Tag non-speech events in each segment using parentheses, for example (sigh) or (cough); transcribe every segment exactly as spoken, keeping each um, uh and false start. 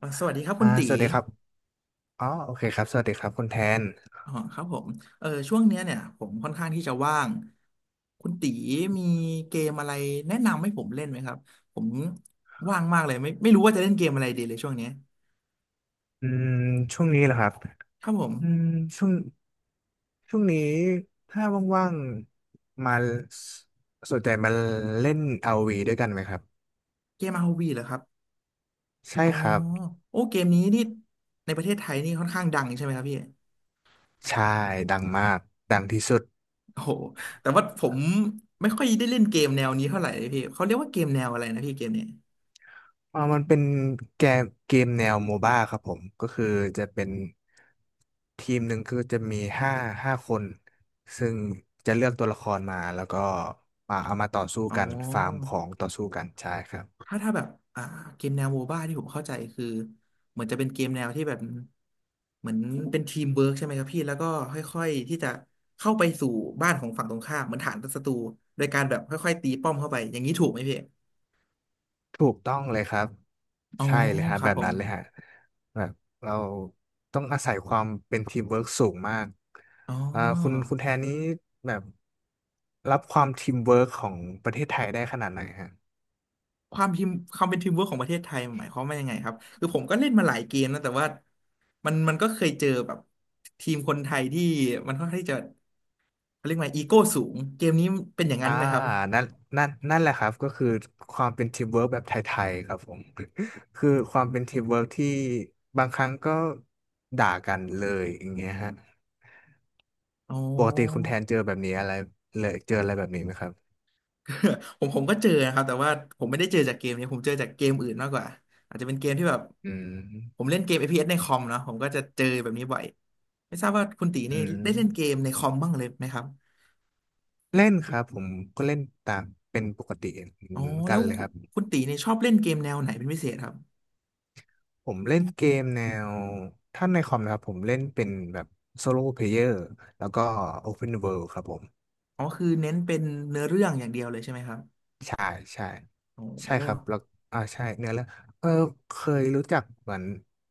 อ่ะสวัสดีครับอ่าคุณตีสวัสดีครับอ๋อโอเคครับ สวัสดีครับคุณแทนอ๋อครับผมเออช่วงเนี้ยเนี่ยผมค่อนข้างที่จะว่างคุณตีมีเกมอะไรแนะนำให้ผมเล่นไหมครับผมว่างมากเลยไม่ไม่รู้ว่าจะเล่นเกมอะไรดีเลยช่วงเนี้ยอืมช่วงนี้เหรอครับครับผมอืมช่วงช่วงนี้ถ้าว่างๆ มาสสนใจมาเล่นอาร์วีด้วยกันไหมครับ เกม อาร์ โอ วี เหรอครับใช่อ๋อครับโอ้เกมนี้นี่ในประเทศไทยนี่ค่อนข้างดังใช่ไหมครับพี่ใช่ดังมาก ดังที่สุดโอ้โหแต่ว่าผมไม่ค่อยได้เล่นเกมแนวนี้เท่าไหร่เลยพี่เขาเรียกว่าเกมแนวอะไรนะพี่เกมเนี้ยอ่ามันเป็นเกมเกมแนวโมบ้าครับผม ก็คือจะเป็น ทีมหนึ่งคือจะมีห้าห้าคน ซึ่งจะเลือกตัวละครมา แล้วก็มาเอามาต่อสู้อ๋อ กัน ฟาร์มของต่อสู้กันใช่ครับ ถ้าถ้าแบบอ่าเกมแนวโมบ้าที่ผมเข้าใจคือเหมือนจะเป็นเกมแนวที่แบบเหมือนเป็นทีมเวิร์กใช่ไหมครับพี่แล้วก็ค่อยๆที่จะเข้าไปสู่บ้านของฝั่งตรงข้ามเหมือนฐานศัตรูโดยการแบบค่อยๆตีป้อมเข้าไปอย่างนี้ถูกไหมพี่ถูกต้องเลยครับอ๋อใช่เลยฮะครัแบบบผนั้มนเลยฮะแบบเราต้องอาศัยความเป็นทีมเวิร์กสูงมากอ๋ออ่าคุณคุณแทนนี้แบบรับความทีมเวิร์กของประเทศไทยได้ขนาดไหนฮะความทีมความเป็นทีมเวิร์กของประเทศไทยหมายความว่ายังไงครับคือผมก็เล่นมาหลายเกมนะแต่ว่ามันมันก็เคยเจอแบบทีมคนไทยที่มันค่อนข้างที่จะเขาเรียกว่าอีโก้สูงเกมนี้เป็นอย่างนั้อ่านไหมครับนั่นนั่นนั่นแหละครับก็คือความเป็นทีมเวิร์กแบบไทยๆครับผม (laughs) คือความเป็นทีมเวิร์กที่บางครั้งก็ด่ากันเลยอย่างเงี้ยฮะอ๋อ ปกติคุณแทนเจอแบบนี้อะไรเลยเจออะไรแบบนี้ไหมครับ (laughs) ผมผมก็เจอนะครับแต่ว่าผมไม่ได้เจอจากเกมนี้ผมเจอจากเกมอื่นมากกว่าอาจจะเป็นเกมที่แบบอืผมมเล่นเกม เอฟ พี เอส ในคอมเนาะผมก็จะเจอแบบนี้บ่อยไม่ทราบว่าคุณตีอืนี่ม ได้เล่นเกมในคอมบ้างเลยไหมครับเล่นครับผมก็เล่นตามเป็นปกติเหอ๋มืออนกัแล้นวเลยครับคุณตีนี่ชอบเล่นเกมแนวไหนเป็นพิเศษครับผมเล่นเกมแนวถ้าในคอมนะครับผมเล่นเป็นแบบโซโล่เพลเยอร์แล้วก็ Open World ครับผมอ๋อคือเน้นเป็นเนื้อเรื่องอย่างเดียวเลยใช่ไหมครับใช่ใช่ใช่โอ้ ครับแล้วอ่าใช่เนื้อแล้วเออเคยรู้จักเหมือน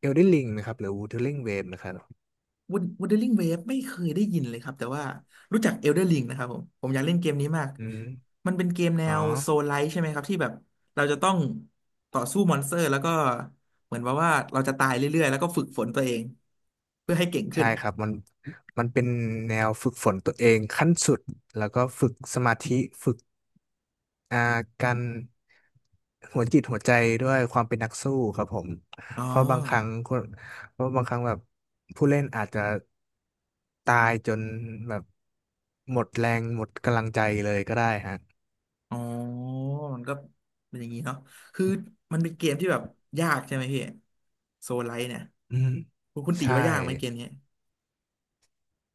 Elden Ring ไหมครับหรือ Wuthering Waves ไหมครับ w u t เ e r i n g w a v e ไม่เคยได้ยินเลยครับแต่ว่ารู้จัก Elden Ring นะครับผมผมอยากเล่นเกมนี้มากอืมมันเป็นเกมแนอ๋อวโซลไลท์ใช่ไหมครับที่แบบเราจะต้องต่อสู้มอนสเตอร์แล้วก็เหมือนว่าว่าเราจะตายเรื่อยๆแล้วก็ฝึกฝนตัวเองเพื่อให้เก่งขึ้ใช่นครับมันมันเป็นแนวฝึกฝนตัวเองขั้นสุดแล้วก็ฝึกสมาธิฝึก อ่าการหัวจิตหัวใจด้วยความเป็นนักสู้ครับผมอ๋อเพราะบางครั้งคนเพราะบางครั้งแบบผู้เล่นอาจจะตายจนแบบหมดแรงหมดกำลังใจเลยก็ได้ฮะอ๋อมันก็เป็นอย่างนี้เนาะคือมันเป็นเกมที่แบบยากใช่ไหมพี่โซลไลท์เนี่ยอืมคุณคุณตีใช่ ว่ายากไหมเกมนี้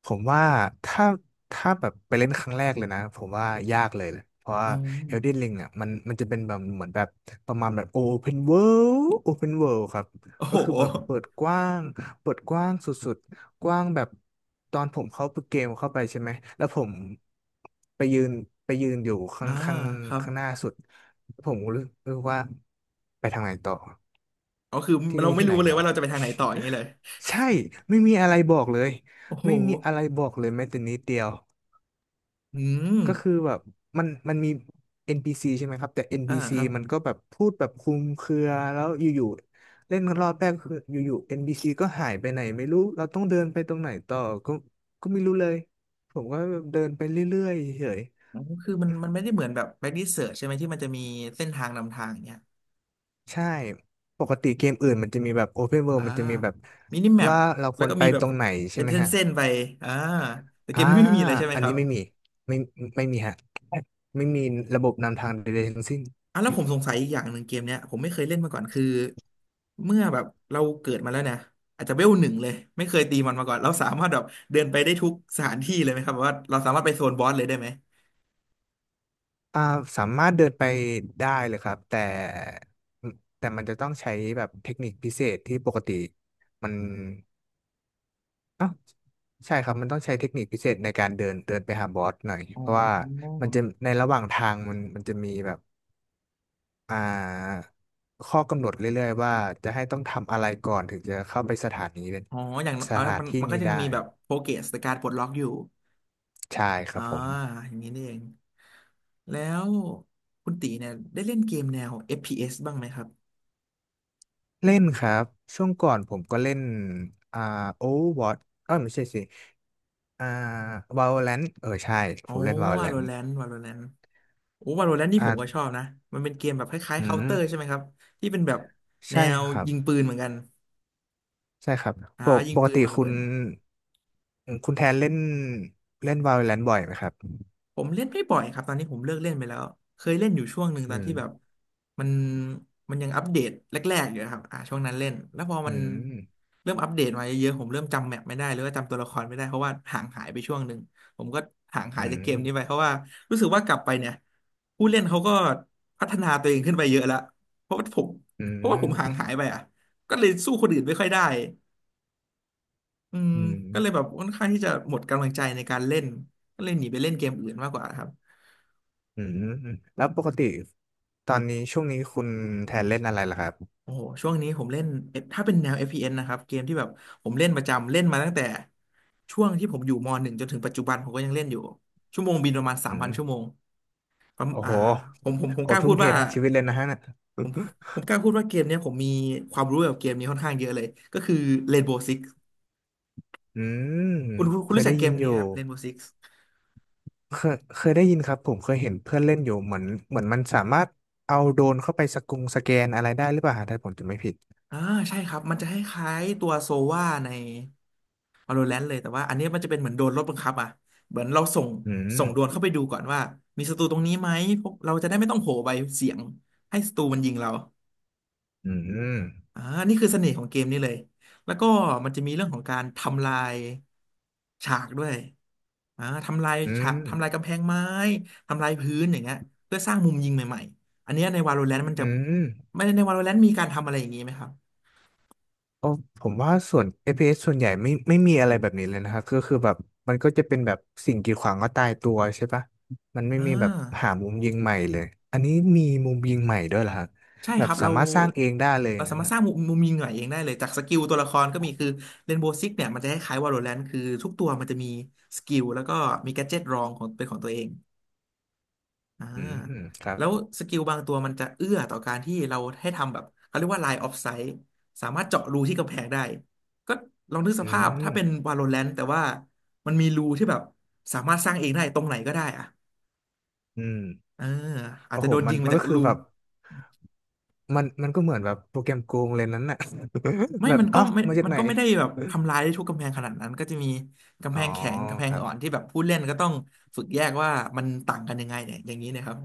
ผมว่าถ้าถ้าแบบไปเล่นครั้งแรกเลยนะผมว่ายากเลยแหละเพราะอ๋ว่า อ Elden Ring เนี่ยมันมันจะเป็นแบบเหมือนแบบประมาณแบบ Open World Open World ครับโอ้ก็โห คือแบบเปิดก (laughs) ว้างเปิดกว้างสุดๆกว้างแบบตอนผมเข้าเกมเข้าไปใช่ไหมแล้วผมไปยืนไปยืนอยู่ข้าอ่างข้างครับ ข้างหน้าสุดผมรู้รู้สึกว่าไปทางไหนต่อ อ๋อคือที่เรานี่ไม่ที่ไหนรู้เลเหยรอ ว่าเราจะไปทางไหนต่ออย่างนี้เลย (laughs) ใช่ไม่มีอะไรบอกเลยโอ้โหไม่มีอะไรบอกเลยแม้แต่นิดเดียวอืมก็คือแบบมันมันมี เอ็น พี ซี ใช่ไหมครับแต่ อ่า เอ็น พี ซี ครับมันก็แบบพูดแบบคลุมเครือแล้วอยู่ๆเล่นกันรอบแรกคืออยู่ๆ เอ็น พี ซี ก็หายไปไหนไม่รู้เราต้องเดินไปตรงไหนต่อก็ก็ไม่รู้เลยผมก็เดินไปเรื่อยๆเฉยอ๋อคือมันมันไม่ได้เหมือนแบบ back research ใช่ไหมที่มันจะมีเส้นทางนำทางอย่างเงี้ยๆใช่ปกติเกมอื่นมันจะมีแบบ Open World อ่ามันจะมีแบบมินิแมปว่าเราคแล้ววรก็ไปมีแบตบรงไหนใช่เป็นไหมเฮะ ส้นๆไปอ่าแต่เกอ่ามนี้ไม่มีเลยใช่ไหมอันครันี้บไม่มี ไม่ไม่มีฮะไม่มีระบบนำทางใดๆทั้งสิ้นอ่ะแล้วผมสงสัยอีกอย่างหนึ่งเกมเนี้ยผมไม่เคยเล่นมาก่อนคือเมื่อแบบเราเกิดมาแล้วเนี่ยอาจจะเวลหนึ่งเลยไม่เคยตีมันมาก่อนเราสามารถแบบเดินไปได้ทุกสถานที่เลยไหมครับแบบว่าเราสามารถไปโซนบอสเลยได้ไหมอ่าสามารถเดินไปได้เลยครับแต่แต่มันจะต้องใช้แบบเทคนิคพิเศษที่ปกติมันอ้าวใช่ครับ มันต้องใช้เทคนิคพิเศษในการเดินเดินไปหาบอสหน่อยอ๋อ เพราะว่ามันจะในระหว่างทางมันมันจะมีแบบอ่าข้อกำหนดเรื่อยๆว่าจะให้ต้องทำอะไรก่อนถึงจะเข้าไปสถานีอ๋ออย่างน้สอยเอาถานมันที่มันก็นี้ยังได้มีแบบโปรเกรสในการปลดล็อกอยู่ใช่ครัอ่าบผม อย่างนี้นี่เองแล้ว คุณตีเนี่ยได้เล่นเกมแนว เอฟ พี เอส บ้างไหมครับ เล่นครับช่วงก่อนผมก็เล่นอ่า Overwatch เอ้ยไม่ใช่สิอ่า Valorant เออใช่อ๋ผอ มเล่น Valorant Valorant Valorant โอ้ Valorant นี่ผมก็ชออ่าบนะ มันเป็นเกมแบบคล้ายอืๆ ม Counter ใช่ไหมครับ ที่เป็นแบบแนใช่ว ครับยิงปืนเหมือนกันใช่ครับอ่าปกยิงปกปืนติวางระคุเบิณด คุณแทนเล่นเล่น Valorant บ่อยไหมครับผมเล่นไม่บ่อยครับตอนนี้ผมเลิกเล่นไปแล้วเคยเล่นอยู่ช่วงหนึ่งตอือนมที่แบบมันมันยังอัปเดตแรกๆอยู่นะครับอ่าช่วงนั้นเล่นแล้วพออืมันมเริ่มอัปเดตมาเยอะๆผมเริ่มจำแมปไม่ได้หรือว่าจำตัวละครไม่ได้เพราะว่าห่างหายไปช่วงหนึ่งผมก็ห่างหาอืยจากเกมมนี้ไปเพราะว่ารู้สึกว่ากลับไปเนี่ยผู้เล่นเขาก็พัฒนาตัวเองขึ้นไปเยอะแล้วเพราะว่าผมอืเพราะว่าผมห่างมหายไปอ่ะก็เลยสู้คนอื่นไม่ค่อยได้อืมอืก็เลยแบมบค่อนข้างที่จะหมดกำลังใจในการเล่นก็เลยหนีไปเล่นเกมอื่นมากกว่าครับ อืมแล้วปกติตอนนี้ช่วงนี้คุณแทนเล่นอะไรล่ะครับโอ้โหช่วงนี้ผมเล่น F- ถ้าเป็นแนว f p n นะครับ เกมที่แบบผมเล่นประจำ เล่นมาตั้งแต่ช่วงที่ผมอยู่ม .หนึ่ง จนถึงปัจจุบันผมก็ยังเล่นอยู่ ชั่วโมงบินประมาณสามอืพัมนชั่วโมงผมโอ้อ่าโหผมผมผมโอ้กล้าทุ่พูมดเทว่าทั้งชีวิตเลยนะฮะน่ะ ผมกล้าพูดว่าเกมเนี้ยผมมีความรู้เกี่ยวกับเกมนี้ค่อนข้างเยอะเลย ก็คือ Rainbow Six อืมคุณคุณคุณเคยรู้จัได้กเกยินมอนี้คยู่รับ Rainbow Six เคยเคยได้ยินครับผมเคยเห็นเพื่อนเล่นอยู่เหมือนเหมือนมันสามารถเอาโดรนเข้าไปสกุงสแกนอะไรได้หรือเปล่าฮะถ้าผมจำไม่ผิดอ่าใช่ครับมันจะคล้ายๆตัวโซวาใน Valorant เลยแต่ว่าอันนี้มันจะเป็นเหมือนโดนรถบังคับอ่ะเหมือนเราส่งอืมส่งโดรนเข้าไปดูก่อนว่ามีศัตรูตรงนี้ไหมพวกเราจะได้ไม่ต้องโหไปเสียงให้ศัตรูมันยิงเราอืมอ่านี่คือเสน่ห์ของเกมนี้เลยแล้วก็มันจะมีเรื่องของการทำลายฉากด้วยอ่าทำลายอืฉามกทำลายกำแพงไม้ทำลายพื้นอย่างเงี้ยเพื่อสร้างมุมยิงใหม่ๆอันเนี้ยใน Valorant มันจะอืมไม่ใน Valorant มีการทำอะไรอย่างนี้ไหมครับโอ้ผมว่าส่วน เอฟ พี เอส สส่วนใหญ่ไม่ไม่มีอะไรแบบนี้เลยนะครับก็คือแบบมันก็จะเป็นแบบสิ่งกีดขวางก็ตายตัวใช่ปะมันไม่อ่มีแบบหาา มุมยิงใหม่เลยอันนี้มีมุมยิงใหม่ด้วยเหรอฮะใช่แบคบรับสาเรามารถสร้างเองได้เลยเราสานะมารถฮะสร้างมุมมุมยิงหน่อยเองได้เลยจากสกิลตัวละครก็มีคือเรนโบว์ซิกเนี่ยมันจะคล้ายๆวาโลแรนต์คือทุกตัวมันจะมีสกิลแล้วก็มีแกดเจ็ตรองของเป็นของตัวเองอ่าอืมครับแล้วสกิลบางตัวมันจะเอื้อต่อการที่เราให้ทำแบบเขาเรียกว่า line of sight สามารถเจาะรูที่กำแพงได้ก็ลองนึกสอืภาพถ้ามเป็นวาโลแรนต์แต่ว่ามันมีรูที่แบบสามารถสร้างเองได้ตรงไหนก็ได้อะอืม เอออาจโอ้จะโหโดนมัยินงมามันจากก็คือรู แบบมันมันก็เหมือนแบบโปรแกรมโกงเลยนั้นน่ะ (laughs) ไม่แบบ มันก็อ้าวไม่มาจากมันไหน ก็ไม่ได้แบบทำลายได้ทุกกำแพงขนาดนั้นก็จะมีกำอ๋แพองแข็งกำแพคงรับอ่อนที่แบบผู้เล่นก็ต้องฝึกแยกว่ามันต่างกันยังไงเนี่ยอย่างนี้นะครับ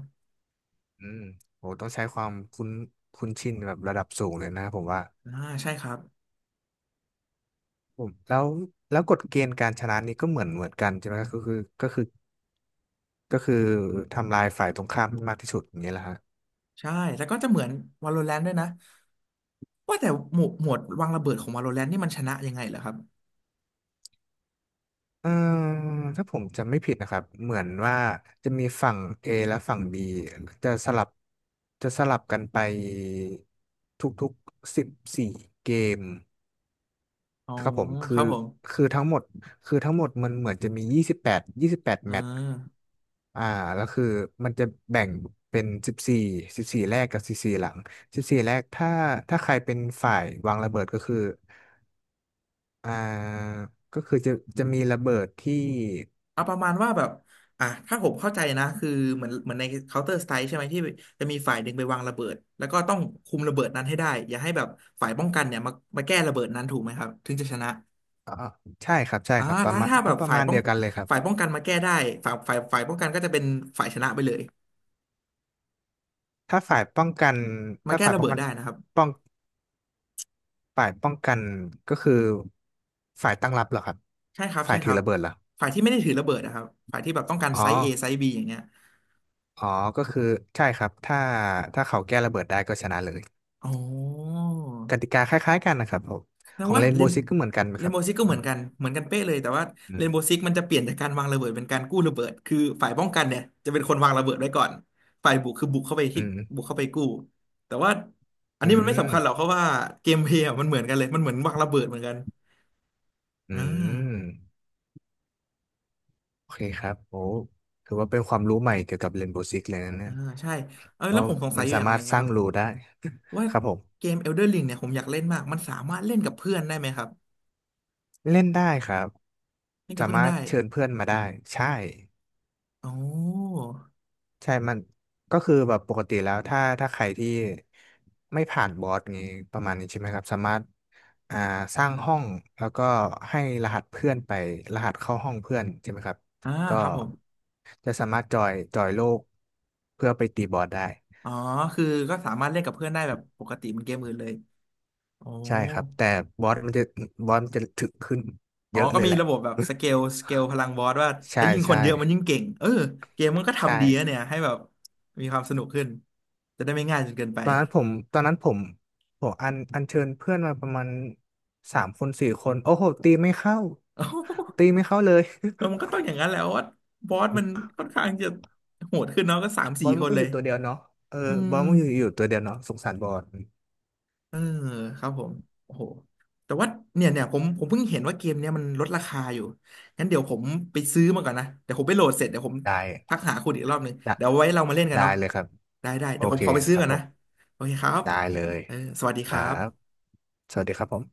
อืมโหต้องใช้ความคุ้นคุ้นชินแบบระดับสูงเลยนะผมว่าอ่าใช่ครับ ผมแล้วแล้วกฎเกณฑ์การชนะนี่ก็เหมือนเหมือนกันใช่ไหมก็คือก็คือก็คือทำลายฝ่ายตรงข้ามให้มากที่สุดอย่างเงี้ยแหละฮะ ใช่แล้วก็จะเหมือน Valorant ด้วยนะว่าแต่หมวดหมวดวางระเบิดของ Valorant นี่มันชนะยังไงเหรอครับเอ่อถ้าผมจำไม่ผิดนะครับเหมือนว่าจะมีฝั่ง A และฝั่ง บี จะสลับจะสลับกันไปทุกๆสิบสี่เกมอ๋อครับผมคืคอรับผมคือทั้งหมดคือทั้งหมดมันเหมือนจะมียี่สิบแปดยี่สิบแปดอ่า แมตช์อ่าแล้วคือมันจะแบ่งเป็นสิบสี่สิบสี่แรกกับสิบสี่หลังสิบสี่แรกถ้าถ้าใครเป็นฝ่ายวางระเบิดก็คืออ่าก็คือจะจะมีระเบิดที่ เอาประมาณว่าแบบอ่ะถ้าผมเข้าใจนะคือเหมือนเหมือนใน Counter Strike ใช่ไหมที่จะมีฝ่ายหนึ่งไปวางระเบิดแล้วก็ต้องคุมระเบิดนั้นให้ได้อย่าให้แบบฝ่ายป้องกันเนี่ยมามาแก้ระเบิดนั้นถูกไหมครับถึงจะชนะอ่าใช่ครับใช่อ่าครับปแล้ระวมาณถ้าแบก็บประฝ่ายมาณป้อเดีงยวกันเลยครับฝ่ายป้องกันมาแก้ได้ฝ่ายฝ่ายฝ่ายป้องกันก็จะเป็นฝ่ายชนะไปเลยถ้าฝ่ายป้องกันมาถ้าแก้ฝ่ายระป้อเบิงดกันได้นะครับป้องฝ่ายป้องกันก็คือฝ่ายตั้งรับเหรอครับใช่ครับฝ่าใช่ยคถือรับระเบิดเหรอฝ่ายที่ไม่ได้ถือระเบิดนะครับฝ่ายที่แบบต้องการอ๋อไซส์ A ไซส์ B อย่างเงี้ยอ๋อก็คือใช่ครับถ้าถ้าเขาแก้ระเบิดได้ก็ชนะเลยอ๋อ กติกาคล้ายๆกันนะครับผมแสดขงองว่าเรนเรโบนว์ซิกก็เหมือนกันไหมเรคนรับโบว์ซิกก็อืเหมือนมกันเหมือนกันเป๊ะเลยแต่ว่าเรนโบว์ซิอกมันจะเปลี่ยนจากการวางระเบิดเป็นการกู้ระเบิดคือฝ่ายป้องกันเนี่ยจะเป็นคนวางระเบิดไว้ก่อนฝ่ายบุกคือบุกเข้าไปืที่บุกมเข้าไปกู้แต่ว่าอันอืนี้มันไม่สำคัญหรอกมเพราะว่าเกมเพลย์อะมันเหมือนกันเลยมันเหมือนวางระเบิดเหมือนกันอือ่มอืมาโอเคครับโอ้ถือว่าเป็นความรู้ใหม่เกี่ยวกับเรนโบว์ซิกเลยนะเนี่อ่ายใช่เออแล้ว่าวผมสงสัมัยนอยู่สาอย่างมาหรถนึ่งสนะคร้างรับรูได้ ว่า (laughs) ครับผม เกม Elden Ring เนี่ยผมอยากเล่นมากมันสามารถเล่นกับเพื่อนได้ไหมครับเล่นได้ครับเล่นกับสาเพื่อนมารได้ถเชิญเพื่อนมาได้ใช่อ๋อใช่มันก็คือแบบปกติแล้วถ้าถ้าใครที่ไม่ผ่านบอสนี้ประมาณนี้ใช่ไหมครับสามารถอ่าสร้างห้องแล้วก็ให้รหัสเพื่อนไปรหัสเข้าห้องเพื่อนใช่ไหมครับอ่าก็ครับผม จะสามารถจอยจอยโลกเพื่อไปตีบอสได้อ๋อ คือก็สามารถเล่นกับเพื่อนได้แบบปกติเหมันเกมอื่นเลยโอ้ใช่ครับแต่บอสมันจะบอสมันจะถึกขึ้นอ๋อเยอะก็เลยมีแหละ ระบบแบบสเกลสเกลพลังบอสว่า (laughs) ใช่ถ้ายิ่งคนใช่เยอะมันยิ่งเก่งเออเกมมันก็ใช่ ทำดีนะเนี่ยให้แบบมีความสนุกขึ้นจะได้ไม่ง่ายจนเกินไป ตอนนั้นผมตอนนั้นผมผมอันอัญเชิญเพื่อนมาประมาณสามคนสี่คนโอ้โหตีไม่เข้า (laughs) เอ้าตีไม่เข้าเลย เออมันก็ต้องอย่างนั้นแหละวว่าบอสมันค่อนข้างจะโหดขึ้นเนาะก็สาม (laughs) บสี่อลคมันนก็เลอยยู่ตัวเดียวเนาะเอออืบม อลมันอยู่อยู่ตัวเดียวเนาะสงสารบอลเออครับผมโอ้โหแต่ว่าเนี่ยเนี่ยผมผมเพิ่งเห็นว่าเกมเนี้ยมันลดราคาอยู่งั้นเดี๋ยวผมไปซื้อมาก่อนนะเดี๋ยวผมไปโหลดเสร็จเดี๋ยวผมได้ทักหาคุณอีกรอบหนึ่งได้เดี๋ยวไว้เรามาเล่นกันได้เนาะเลยครับได้ได้โอเดี๋ยวผมเคขอไปซื้คอรับก่อนผนะมโอเคครับได้เลยเออสวัสดีคครัรับบสวัสดีครับผม